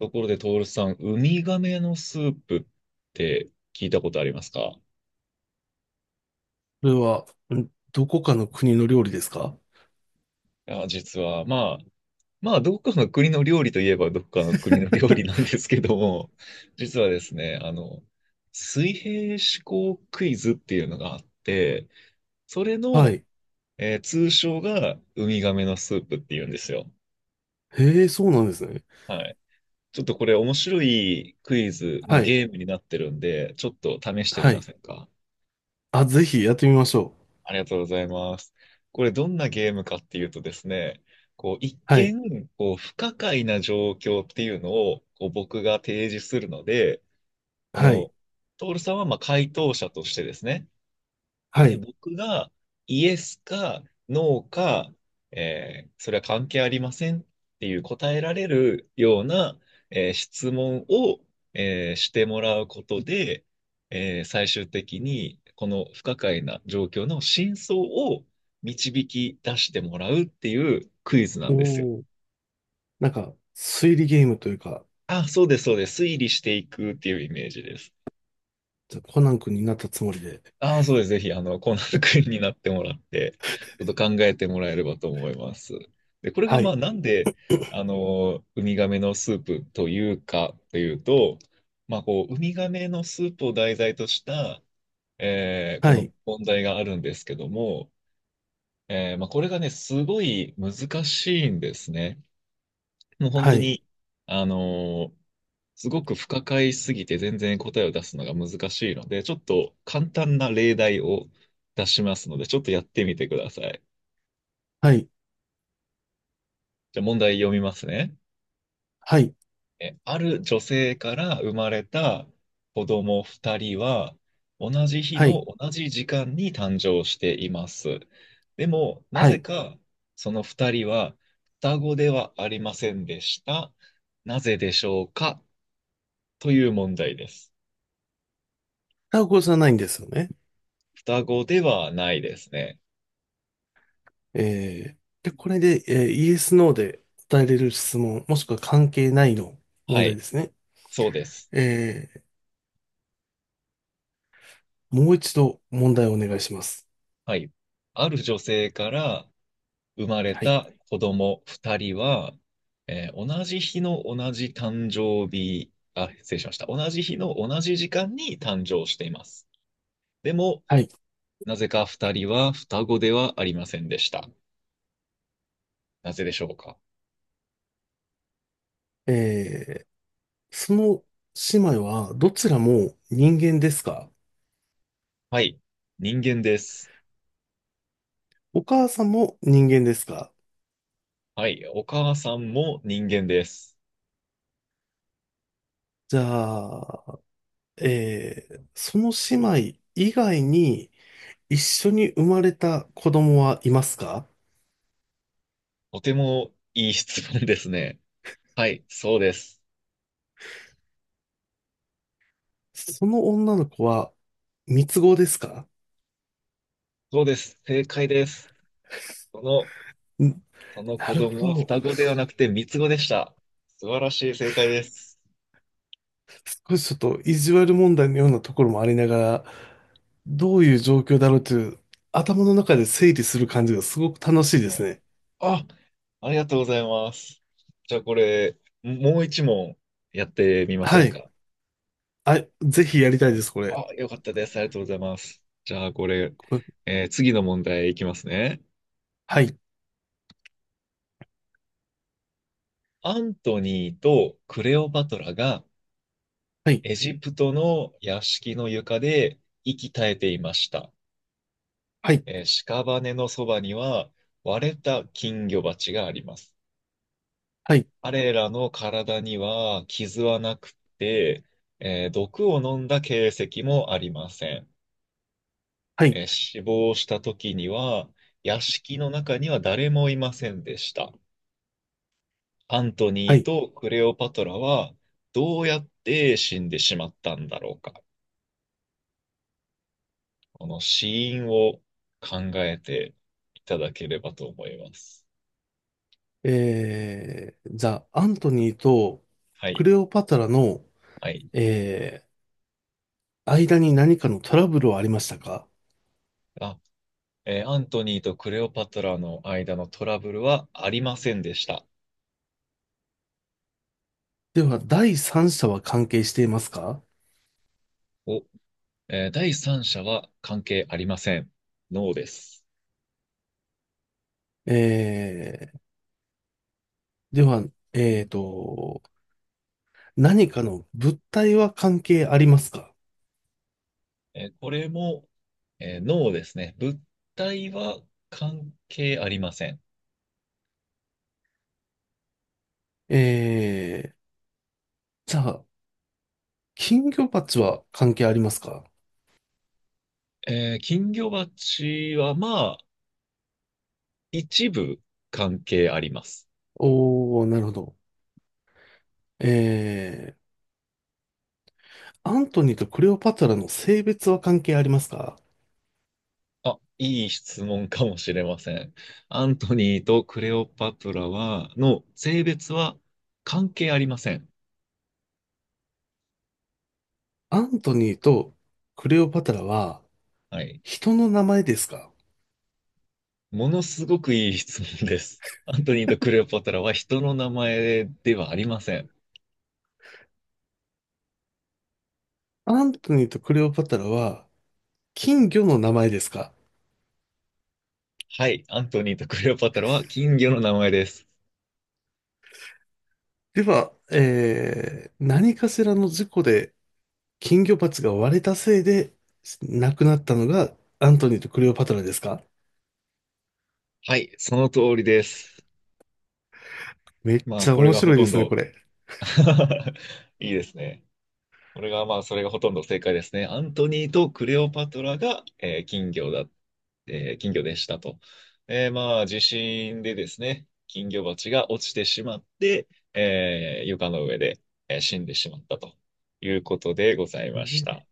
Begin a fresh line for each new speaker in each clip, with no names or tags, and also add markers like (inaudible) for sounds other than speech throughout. ところで、トールさん、ウミガメのスープって聞いたことありますか？い
それは、どこかの国の料理ですか？
や、実は、まあ、どっかの国の料理といえば、どっかの国の料理なん
(laughs)
ですけども、実はですね、水平思考クイズっていうのがあって、それ
は
の、
い。
通称がウミガメのスープっていうんですよ。
へえ、そうなんですね。
はい。ちょっとこれ面白いクイズの
はい。
ゲームになってるんで、ちょっと試して
は
みま
い。
せんか？
あ、ぜひやってみましょう。
ありがとうございます。これどんなゲームかっていうとですね、こう一
はい。
見こう不可解な状況っていうのをこう僕が提示するので、こ
はい。
のトールさんはまあ回答者としてですね、
は
え、
い。
僕がイエスかノーか、それは関係ありませんっていう答えられるような、質問を、してもらうことで、最終的にこの不可解な状況の真相を導き出してもらうっていうクイズなんですよ。
おー。なんか、推理ゲームというか。
あ、そうです、そうです。推理していくっていうイメージです。
じゃあコナン君になったつもりで。
ああ、そうです。ぜひ、コナン君になってもらって、ちょっと考えてもらえればと思います。で、これが、
は
ま
い。
あ、なんで、ウミガメのスープというか、というと、まあ、こう、ウミガメのスープを題材とした、こ
は
の
い。
問題があるんですけども、まあ、これがね、すごい難しいんですね。もう本
は
当
い。
に、あのーすごく不可解すぎて全然答えを出すのが難しいので、ちょっと簡単な例題を出しますので、ちょっとやってみてください。
はい。
じゃあ問題読みますね。
はい。
え、ある女性から生まれた子供2人は、同じ日
はい。
の同じ時間に誕生しています。でも、な
は
ぜ
い。
かその2人は双子ではありませんでした。なぜでしょうかという問題です。
タコじゃないんですよね。
双子ではないですね。
えで、これで、イエス、ノーで答えれる質問、もしくは関係ないの問
は
題
い。
ですね。
そうです。
えもう一度問題をお願いします。
はい。ある女性から生まれ
はい。
た子供二人は、同じ日の同じ誕生日、あ、失礼しました。同じ日の同じ時間に誕生しています。でも、
はい。
なぜか二人は双子ではありませんでした。なぜでしょうか。
えー、その姉妹はどちらも人間ですか？
はい。人間です。
お母さんも人間ですか？
はい。お母さんも人間です。
じゃあ、その姉妹以外に一緒に生まれた子供はいますか？
とてもいい質問ですね。はい。そうです。
その女の子は三つ子ですか？
そうです。正解です。その、
ん
その
な
子
る
供
ほ
は
ど。
双子ではなくて三つ子でした。素晴らしい正解です。
少しちょっと意地悪問題のようなところもありながら、どういう状況だろうという頭の中で整理する感じがすごく楽しいで
は
す
い。
ね。
あ、ありがとうございます。じゃあこれ、もう一問やってみま
は
せん
い。
か？
あ、ぜひやりたいです、これ。
あ、よかったです。ありがとうございます。じゃあこれ、
これ、
次の問題いきますね。
はい、
アントニーとクレオパトラが
はい、
エジプトの屋敷の床で息絶えていました。
はい、
屍のそばには割れた金魚鉢があります。
はい、
彼らの体には傷はなくて、毒を飲んだ形跡もありません。
はい、
死亡した時には屋敷の中には誰もいませんでした。アントニ
は
ー
い。
とクレオパトラはどうやって死んでしまったんだろうか。この死因を考えていただければと思います。
じゃあ、アントニーと
は
ク
い。
レオパトラの、
はい。
え間に何かのトラブルはありましたか？
あアントニーとクレオパトラの間のトラブルはありませんでした。
では、第三者は関係していますか？
お、第三者は関係ありません。ノーです。
えでは、えーと、何かの物体は関係ありますか？
これも、ノーですね。物体は関係ありません。
えー、じゃあ、金魚鉢は関係ありますか？
金魚鉢はまあ、一部関係あります。
おー、なるほど。えーアントニーとクレオパトラの性別は関係ありますか？
あ、いい質問かもしれません。アントニーとクレオパトラの性別は関係ありません。
アントニーとクレオパトラは
はい。
人の名前ですか？
ものすごくいい質問です。(laughs) アントニーとクレオパトラは人の名前ではありません。
アントニーとクレオパトラは金魚の名前ですか？
はい、アントニーとクレオパトラは金魚の名前です。
では、何かしらの事故で金魚鉢が割れたせいで亡くなったのがアントニーとクレオパトラですか？
はい、その通りです。
めっ
ま
ち
あ、
ゃ
これ
面
がほ
白い
と
で
ん
すね、
ど
これ。
(laughs) いいですね。これがまあ、それがほとんど正解ですね。アントニーとクレオパトラが、えー金魚だっ金魚でしたと。まあ、地震でですね、金魚鉢が落ちてしまって、床の上で、死んでしまったということでございまし
え
た。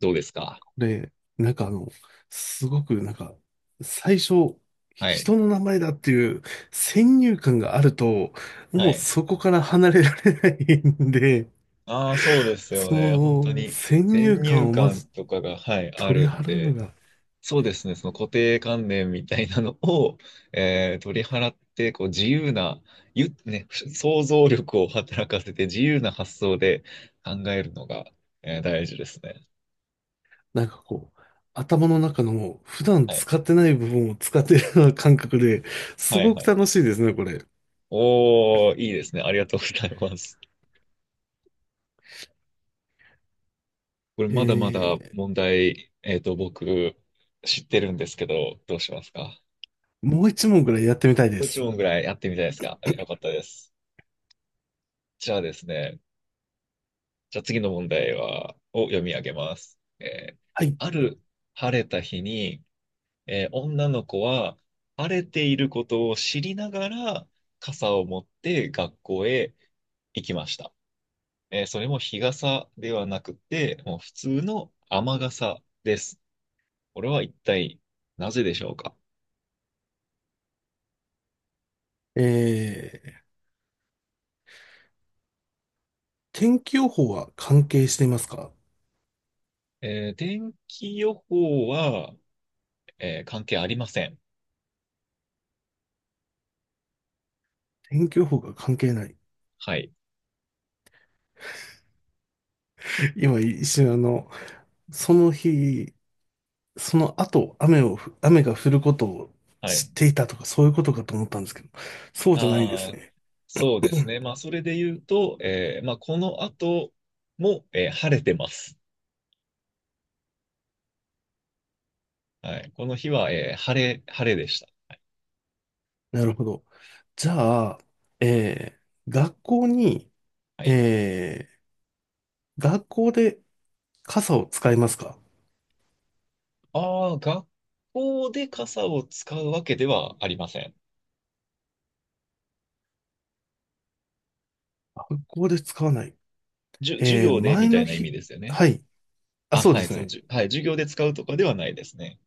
どうですか？
で、なんかすごくなんか、最初、
はい。
人の名前だっていう先入観があると、
は
もう
い。
そこから離れられないんで、
ああ、そうですよ
そ
ね。本当
の
に
先
先
入
入
観をま
観
ず
とかが、はい、あ
取り
るん
払うの
で、
が、
そうですね、その固定観念みたいなのを、取り払って、こう自由な、想像力を働かせて自由な発想で考えるのが、大事ですね。
なんかこう、頭の中の普段
はい。
使ってない部分を使ってるような感覚で、す
はい
ごく
はい
楽
はい。
しいですね、これ。
おー、いいですね。ありがとうございます。これまだまだ
え
問題、僕知ってるんですけど、どうしますか？
もう一問ぐらいやってみたいで
これ一
す。
問ぐらいやってみたいですか？よかったです。じゃあですね、じゃあ次の問題を読み上げます。
はい。
ある晴れた日に、女の子は晴れていることを知りながら傘を持って学校へ行きました。それも日傘ではなくて、もう普通の雨傘です。これは一体なぜでしょうか？
えー、天気予報は関係していますか？
天気予報は、関係ありません。
天気予報が関係ない。
はい。
今一瞬その日、その後、雨をふ、雨が降ることを
は
知
い。
っていたとか、そういうことかと思ったんですけど、そうじゃないんです
ああ、
ね。
そうで
う
す
ん、
ね。まあ、それで言うと、まあ、この後も、晴れてます。はい。この日は、晴れでした。
なるほど。じゃあ、えー学校に、
はい。
え学校で傘を使いますか？
ああ、学校で傘を使うわけではありません。
学校で使わない。
授業でみ
前
た
の
いな意味
日、
ですよね。
はい。あ、
あ、
そう
は
で
い、
すね。
はい、授業で使うとかではないですね。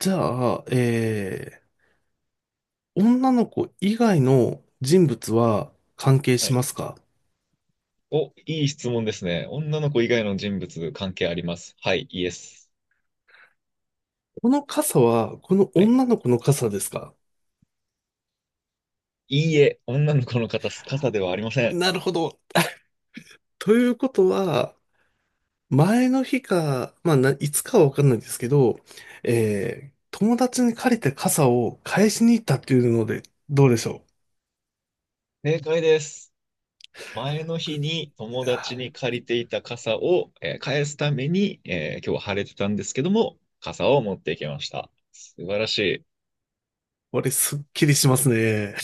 じゃあ、女の子以外の人物は関係
は
しま
い。
すか？
お、いい質問ですね。女の子以外の人物関係あります。はい、イエス。
この傘は、この
はい。
女の子の傘ですか？
いいえ、女の子の方、傘ではありません。
なるほど。ということは、前の日か、まあ、いつかはわかんないですけど、友達に借りた傘を返しに行ったっていうので、どうでしょ
正解です。前の日に友
う。いや
達に
ー、
借りていた傘を、返すために、今日は晴れてたんですけども、傘を持ってきました。素晴らしい。
これすっきりしますね。